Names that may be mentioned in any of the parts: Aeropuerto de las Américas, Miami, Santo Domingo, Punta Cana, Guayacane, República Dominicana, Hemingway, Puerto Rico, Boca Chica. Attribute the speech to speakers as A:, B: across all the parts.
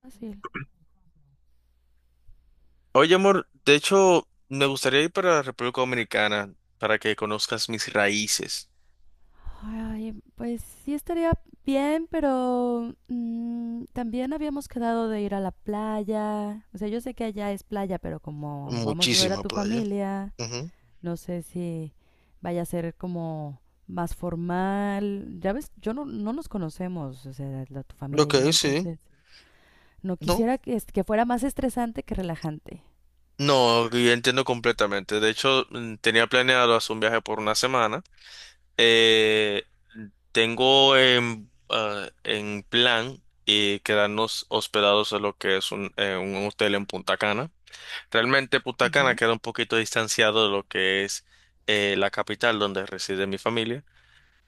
A: Fácil.
B: Oye, amor, de hecho, me gustaría ir para la República Dominicana para que conozcas mis raíces.
A: Ay, pues sí estaría bien, pero también habíamos quedado de ir a la playa. O sea, yo sé que allá es playa, pero como vamos a ver a
B: Muchísima
A: tu
B: playa.
A: familia,
B: Ujú.
A: no sé si vaya a ser como más formal. Ya ves, yo no nos conocemos, o sea, tu familia
B: Ok,
A: y yo,
B: sí.
A: entonces no
B: No.
A: quisiera que, que fuera más estresante que relajante.
B: No, yo entiendo completamente. De hecho, tenía planeado hacer un viaje por una semana. Eh, Tengo en plan quedarnos hospedados en lo que es un hotel en Punta Cana. Realmente Punta Cana
A: Ujú,
B: queda un poquito distanciado de lo que es la capital donde reside mi familia,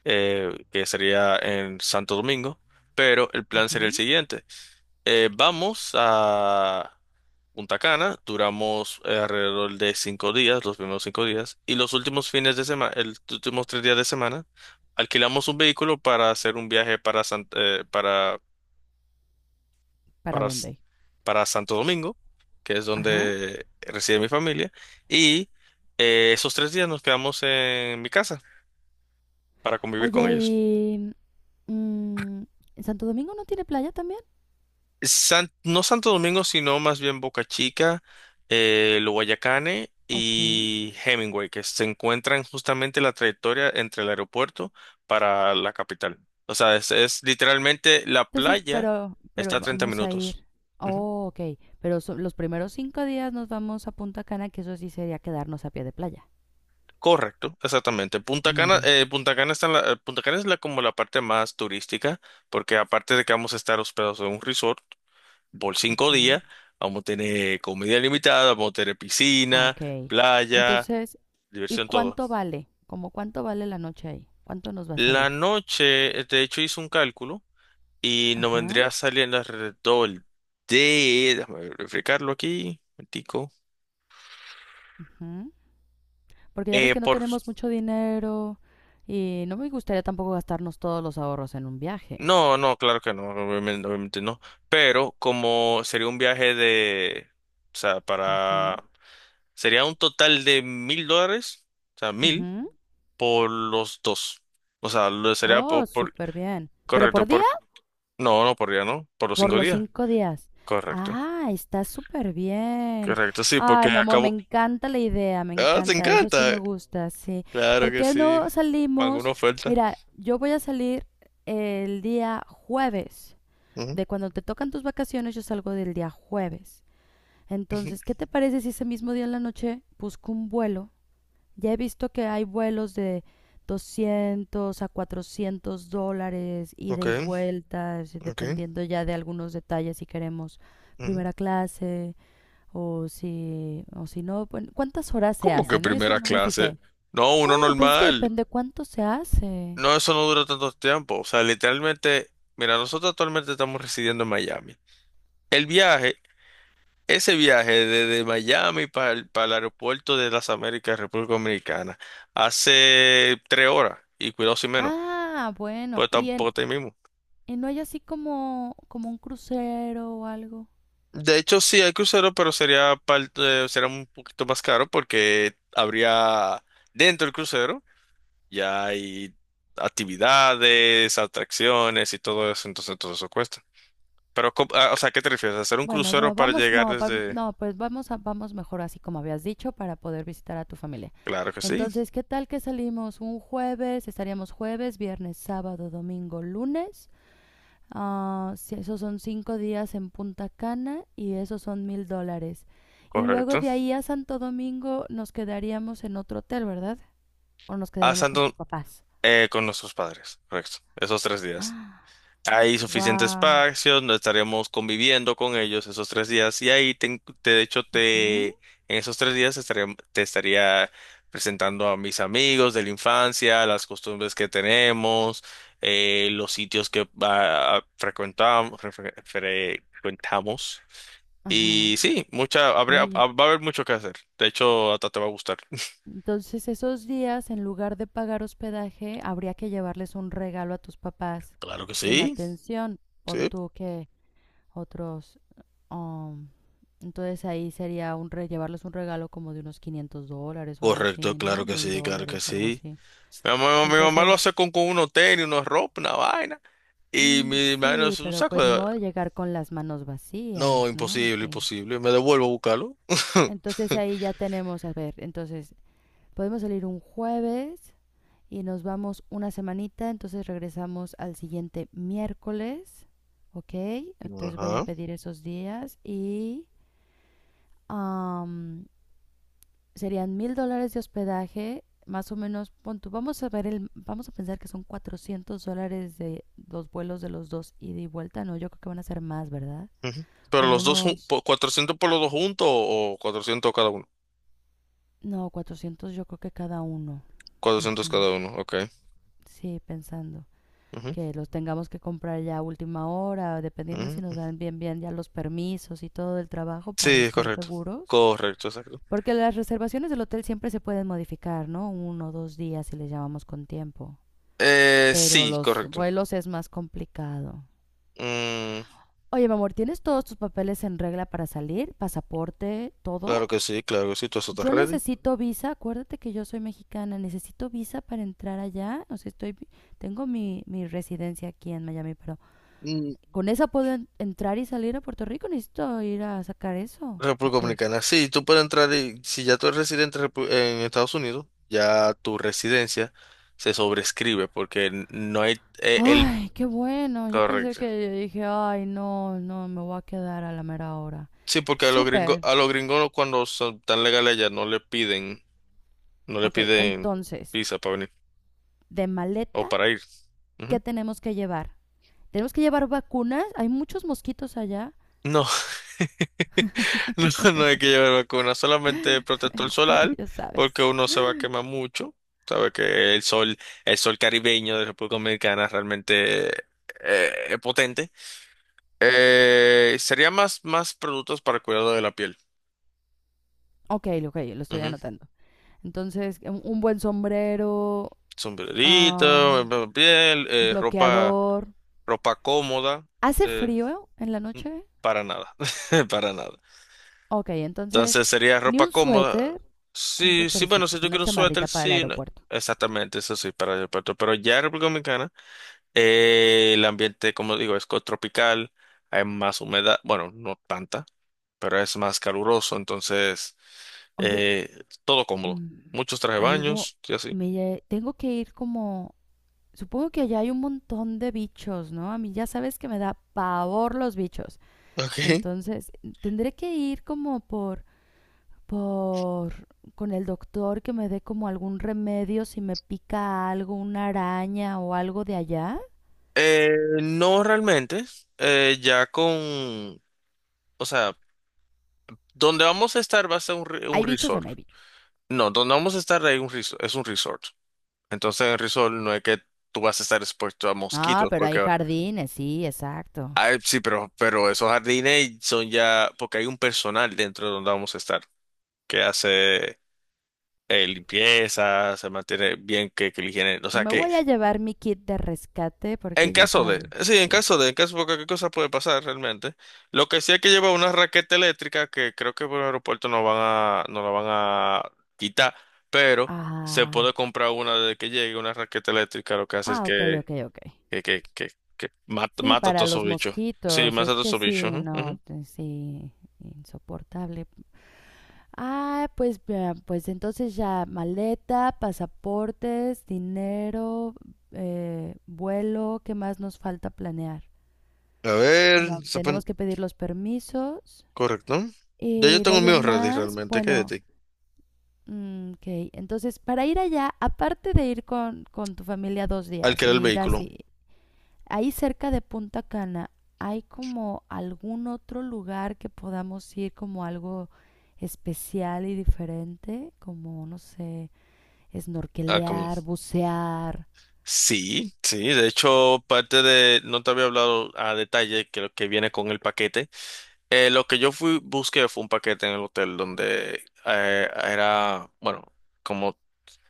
B: que sería en Santo Domingo, pero el plan sería el
A: ujú.
B: siguiente. Vamos a Punta Cana, duramos alrededor de 5 días, los primeros 5 días, y los últimos fines de semana, los últimos 3 días de semana, alquilamos un vehículo para hacer un viaje para, San-
A: ¿Para
B: para, S-
A: dónde?
B: para Santo Domingo, que es
A: Ajá.
B: donde reside mi familia, y esos 3 días nos quedamos en mi casa para convivir con
A: Oye,
B: ellos.
A: y Mm, ¿Santo Domingo no tiene playa también?
B: No Santo Domingo, sino más bien Boca Chica, el Guayacane
A: Ok.
B: y Hemingway, que se encuentran justamente la trayectoria entre el aeropuerto para la capital. O sea, es literalmente la
A: Entonces,
B: playa
A: pero,
B: está
A: pero
B: a 30
A: vamos a
B: minutos.
A: ir.
B: Ujú.
A: Oh, ok. Pero los primeros 5 días nos vamos a Punta Cana, que eso sí sería quedarnos a pie de playa.
B: Correcto, exactamente.
A: Ah,
B: Punta
A: muy
B: Cana,
A: bien.
B: eh, Punta Cana está Punta Cana es la, como la parte más turística, porque aparte de que vamos a estar hospedados en un resort por cinco
A: Ujú.
B: días, vamos a tener comida limitada, vamos a tener
A: Ah,
B: piscina,
A: ok.
B: playa,
A: Entonces, ¿y
B: diversión, todo.
A: cuánto vale? ¿Cómo cuánto vale la noche ahí? ¿Cuánto nos va a salir?
B: La noche, de hecho, hice un cálculo y nos
A: Ajá.
B: vendría saliendo alrededor de. Déjame verificarlo aquí, un tico.
A: Ujú. Porque ya ves que no
B: Por.
A: tenemos mucho dinero y no me gustaría tampoco gastarnos todos los ahorros en un viaje.
B: No, no, claro que no, obviamente, obviamente no. Pero como sería un viaje de. O sea,
A: Ujú,
B: para. Sería un total de $1000, o sea, 1000
A: ujú.
B: por los dos. O sea, lo sería por,
A: Oh, súper bien. ¿Pero
B: correcto,
A: por
B: por,
A: día?
B: no, no por día, ¿no? Por los
A: Por
B: cinco
A: los
B: días.
A: cinco días.
B: Correcto.
A: Ah, está súper bien.
B: Correcto, sí, porque
A: Ay, mi amor, me
B: acabo.
A: encanta la idea, me
B: Ah, te
A: encanta. Eso sí
B: encanta.
A: me gusta, sí.
B: Claro
A: ¿Por
B: que
A: qué
B: sí.
A: no
B: ¿Alguna
A: salimos?
B: oferta?
A: Mira, yo voy a salir el día jueves.
B: Ujú,
A: De cuando te tocan tus vacaciones, yo salgo del día jueves.
B: ujú.
A: Entonces, ¿qué te parece si ese mismo día en la noche busco un vuelo? Ya he visto que hay vuelos de $200 a $400, ida
B: Ok,
A: y vuelta, decir,
B: ok.
A: dependiendo ya de algunos detalles si queremos
B: Ujú.
A: primera clase o si no. Bueno, ¿cuántas horas se
B: ¿Cómo que
A: hacen? Eso
B: primera
A: no me
B: clase?
A: fijé.
B: No, uno
A: Bueno, pues es que
B: normal.
A: depende cuánto se hace.
B: No, eso no dura tanto tiempo. O sea, literalmente, mira, nosotros actualmente estamos residiendo en Miami. El viaje, ese viaje desde Miami para el aeropuerto de las Américas, República Dominicana, hace 3 horas y cuidado si menos,
A: Ah, bueno,
B: pues
A: y,
B: tampoco está ahí mismo.
A: y no hay así como un crucero o algo.
B: De hecho, sí, hay crucero, pero sería un poquito más caro porque habría dentro del crucero ya hay actividades, atracciones y todo eso, entonces todo eso cuesta. Pero, o sea, ¿qué te refieres? ¿Hacer un
A: Bueno,
B: crucero
A: pero
B: para
A: vamos,
B: llegar
A: no,
B: desde?
A: no, pues vamos mejor así como habías dicho para poder visitar a tu familia.
B: Claro que sí,
A: Entonces, ¿qué tal que salimos un jueves? Estaríamos jueves, viernes, sábado, domingo, lunes. Ah, si esos son 5 días en Punta Cana y esos son $1,000. Y luego
B: correcto.
A: de ahí a Santo Domingo nos quedaríamos en otro hotel, ¿verdad? O nos
B: A
A: quedaremos con tus
B: Santo,
A: papás.
B: con nuestros padres, correcto. Esos tres días.
A: Ah,
B: Hay suficiente
A: wow.
B: espacio, no estaremos conviviendo con ellos esos 3 días y ahí de hecho
A: Ajá.
B: te en esos 3 días te estaría presentando a mis amigos de la infancia, las costumbres que tenemos, los sitios que frecuentamos
A: Ajá.
B: y sí, va a haber mucho que hacer. De hecho, hasta te va a gustar.
A: Entonces esos días, en lugar de pagar hospedaje, habría que llevarles un regalo a tus papás
B: Claro que
A: en
B: sí.
A: atención. Pon
B: Sí.
A: tú que otros... um, entonces ahí sería un llevarles un regalo como de unos $500 o algo
B: Correcto,
A: así, ¿no?
B: claro que
A: mil
B: sí, claro que
A: dólares, algo
B: sí.
A: así.
B: Mi mamá lo
A: Entonces,
B: hace con unos tenis, unos ropa, una vaina. Y
A: mm,
B: mi hermano
A: sí,
B: es un
A: pero
B: saco
A: pues ni
B: de.
A: modo de llegar con las manos
B: No,
A: vacías, ¿no?
B: imposible,
A: Así.
B: imposible. Me devuelvo a buscarlo.
A: Entonces ahí ya tenemos, a ver, entonces podemos salir un jueves y nos vamos una semanita, entonces regresamos al siguiente miércoles, ¿ok? Entonces voy a
B: Ajá.
A: pedir esos días y am, serían $1,000 de hospedaje, más o menos. Pon, vamos a ver, vamos a pensar que son $400 de los vuelos de los dos ida y vuelta. No, yo creo que van a ser más, ¿verdad?
B: Ujú. Pero
A: Como
B: los dos,
A: unos,
B: 400 por los dos juntos o 400 cada uno.
A: no, 400 yo creo que cada uno.
B: Cuatrocientos
A: Ujú.
B: cada uno, ok.
A: Sí, pensando
B: Ujú,
A: que los tengamos que comprar ya a última hora, dependiendo si nos
B: ujú.
A: dan bien bien ya los permisos y todo el trabajo para
B: Sí, es
A: estar
B: correcto.
A: seguros.
B: Correcto, exacto.
A: Porque las reservaciones del hotel siempre se pueden modificar, ¿no? Uno o dos días si les llamamos con tiempo. Pero
B: Sí,
A: los
B: correcto.
A: vuelos es más complicado.
B: Mm,
A: Oye, mi amor, ¿tienes todos tus papeles en regla para salir? ¿Pasaporte?
B: claro
A: ¿Todo?
B: que sí, claro que sí, todo eso está
A: Yo
B: ready.
A: necesito visa, acuérdate que yo soy mexicana, necesito visa para entrar allá, o sea, estoy, tengo mi residencia aquí en Miami, pero ¿con esa puedo entrar y salir a Puerto Rico? Necesito ir a sacar eso.
B: República
A: Ok.
B: Dominicana. Sí, tú puedes entrar y si ya tú eres residente en Estados Unidos, ya tu residencia se sobrescribe porque no hay el.
A: Ay, qué bueno. Yo pensé,
B: Correcto.
A: que dije, ay, no, no, me voy a quedar a la mera hora.
B: Sí, porque a los gringos,
A: Súper.
B: a los gringos cuando son tan legales allá no le piden, no le
A: Ok,
B: piden
A: entonces,
B: visa para venir
A: de
B: o
A: maleta,
B: para ir.
A: ¿qué
B: Ujú.
A: tenemos que llevar? Tenemos que llevar vacunas. Hay muchos mosquitos allá.
B: No, no, no hay que llevar vacuna, solamente protector
A: Es que
B: solar,
A: ya
B: porque
A: sabes.
B: uno se va a quemar mucho. Sabe que el sol caribeño de República Dominicana realmente es potente. Sería más productos para cuidado de la piel.
A: Ok, ok, lo estoy
B: Ujú.
A: anotando. Entonces, un buen sombrero,
B: Sombrerito,
A: am,
B: piel, eh, ropa,
A: bloqueador.
B: ropa cómoda.
A: ¿Hace
B: eh,
A: frío en la
B: n-
A: noche?
B: para nada, para nada.
A: Ok, entonces,
B: Entonces sería
A: ni
B: ropa
A: un
B: cómoda.
A: suéter, un
B: Sí, sí, bueno,
A: suétercito,
B: si
A: es
B: yo
A: una
B: quiero un suéter,
A: chamarrita para el
B: sí.
A: aeropuerto.
B: Exactamente, eso sí, para el aeropuerto. Pero ya en República Dominicana, el ambiente, como digo, es tropical, hay más humedad, bueno, no tanta, pero es más caluroso, entonces
A: Oye,
B: todo cómodo.
A: mm,
B: Muchos traje
A: algo,
B: baños y así.
A: me, tengo que ir como, supongo que allá hay un montón de bichos, ¿no? A mí ya sabes que me da pavor los bichos.
B: Ok.
A: Entonces, tendré que ir como por, con el doctor que me dé como algún remedio si me pica algo, una araña o algo de allá.
B: Eh, no realmente, ya con, o sea, donde vamos a estar va a ser un
A: ¿Hay bichos o
B: resort.
A: no hay bichos?
B: No, donde vamos a estar es un resort. Entonces en el resort no es que tú vas a estar expuesto a
A: Ah,
B: mosquitos,
A: pero hay
B: porque
A: jardines, sí, exacto.
B: ay, sí, pero esos jardines son ya, porque hay un personal dentro de donde vamos a estar que hace limpieza, se mantiene bien que la higiene, o sea
A: Me
B: que
A: voy a llevar mi kit de rescate
B: en
A: porque ya
B: caso de,
A: sabes.
B: sí,
A: Sí.
B: en caso de cualquier cosa puede pasar realmente. Lo que sí hay que llevar una raqueta eléctrica que creo que por el aeropuerto no la van a quitar, pero se
A: Ah,
B: puede comprar una desde que llegue, una raqueta eléctrica, lo que hace es
A: ah, ok, ok, ok.
B: que, que, que, que mata,
A: Sí,
B: mata a
A: para
B: todos
A: los
B: esos bichos. Sí,
A: mosquitos,
B: mata a
A: es
B: todos
A: que
B: esos bichos.
A: sí,
B: Ujú,
A: no,
B: ujú.
A: sí, insoportable. Ah, pues, vea, pues entonces ya maleta, pasaportes, dinero, vuelo, ¿qué más nos falta planear?
B: A
A: Bueno,
B: ver,
A: tenemos que pedir los permisos
B: correcto. Ya yo
A: y de
B: tengo el
A: ahí
B: mío
A: en
B: ready
A: más,
B: realmente, ¿qué hay de
A: bueno,
B: ti?
A: Ok, entonces para ir allá, aparte de ir con tu familia 2 días y
B: Alquilar el
A: ir
B: vehículo.
A: así, ahí cerca de Punta Cana, ¿hay como algún otro lugar que podamos ir como algo especial y diferente? Como, no sé,
B: Ah, como.
A: snorkelear, bucear.
B: Sí, sí, de hecho, parte de, no te había hablado a detalle que lo que viene con el paquete. Lo que yo busqué fue un paquete en el hotel donde era, bueno, como,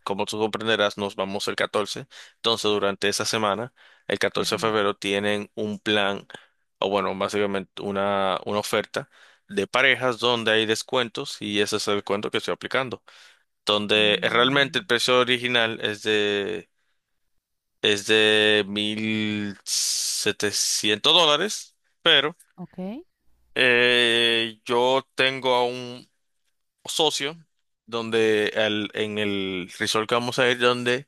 B: como tú comprenderás, nos vamos el 14. Entonces, durante esa semana, el 14 de
A: Ujú.
B: febrero, tienen un plan, o bueno, básicamente una oferta de parejas donde hay descuentos y ese es el descuento que estoy aplicando. Donde realmente el
A: Mm,
B: precio original es de $1700, pero
A: ok.
B: yo tengo a un socio donde en el resort que vamos a ir, donde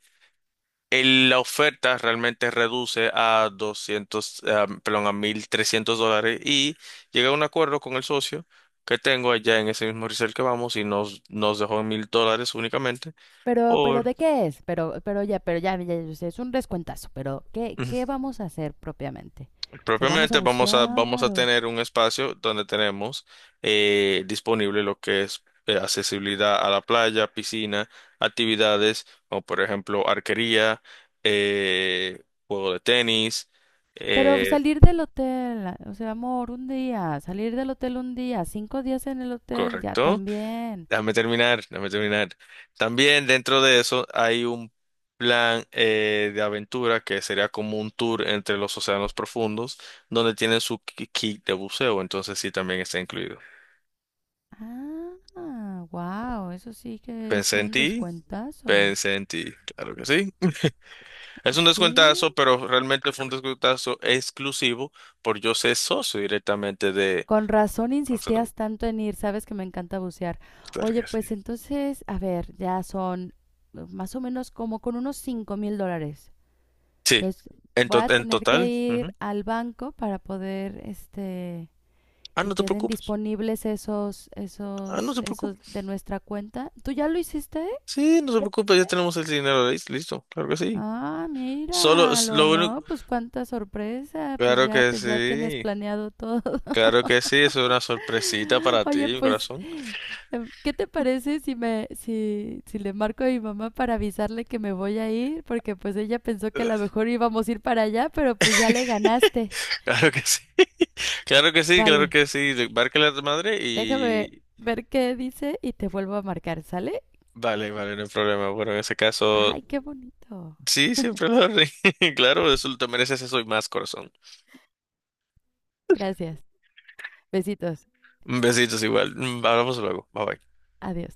B: la oferta realmente reduce a 200, perdón, a $1300 y llegué a un acuerdo con el socio que tengo allá en ese mismo resort que vamos y nos dejó en $1000 únicamente
A: Pero
B: por.
A: ¿de qué es? Ya sé, es un descuentazo. Pero, ¿qué vamos a hacer propiamente? ¿Se vamos a
B: Propiamente vamos a, vamos
A: bucear
B: a
A: o...?
B: tener un espacio donde tenemos disponible lo que es accesibilidad a la playa, piscina, actividades como por ejemplo arquería, eh, juego de tenis.
A: Pero
B: eh,
A: salir del hotel, o sea, amor, un día, salir del hotel un día, 5 días en el hotel, ya
B: Correcto.
A: también.
B: Déjame terminar, déjame terminar. También dentro de eso hay un plan de aventura que sería como un tour entre los océanos profundos donde tienen su kit de buceo, entonces sí también está incluido.
A: Ah, wow, eso sí que es
B: Pensé en
A: un
B: ti.
A: descuentazo.
B: Pensé en ti, claro que sí. Es un descuentazo,
A: Sí.
B: pero realmente fue un descuentazo exclusivo por yo ser socio directamente de.
A: Con razón
B: Vamos a tomar-
A: insistías tanto en ir, sabes que me encanta bucear.
B: Claro
A: Oye,
B: que sí.
A: pues entonces, a ver, ya son más o menos como con unos $5,000.
B: Sí,
A: Entonces, voy a
B: en
A: tener que
B: total.
A: ir
B: Ujú.
A: al banco para poder, este,
B: Ah,
A: que
B: no te
A: queden
B: preocupes.
A: disponibles esos,
B: Ah, no
A: esos,
B: te
A: esos
B: preocupes.
A: de nuestra cuenta. ¿Tú ya lo hiciste?
B: Sí, no te
A: ¿Ya
B: preocupes, ya
A: fuiste?
B: tenemos el dinero listo. Claro que sí.
A: Ah,
B: Solo es
A: míralo,
B: lo único.
A: ¿no? Pues cuánta sorpresa, pues
B: Claro
A: ya,
B: que
A: ya tienes
B: sí.
A: planeado todo.
B: Claro que sí, eso es una sorpresita para ti,
A: Oye,
B: mi
A: pues,
B: corazón.
A: ¿qué te parece si me, si, si le marco a mi mamá para avisarle que me voy a ir? Porque pues ella pensó que a lo mejor íbamos a ir para allá, pero pues ya le ganaste.
B: Claro que sí. Claro que sí,
A: Vale,
B: claro que sí. Marca la madre
A: déjame
B: y.
A: ver qué dice y te vuelvo a marcar, ¿sale?
B: Vale, vale, no hay problema. Bueno, en ese caso,
A: Ay, qué bonito.
B: sí, siempre lo haré. Claro, eso te mereces eso y más, corazón.
A: Gracias. Besitos.
B: Besitos igual. Hablamos luego. Bye bye.
A: Adiós.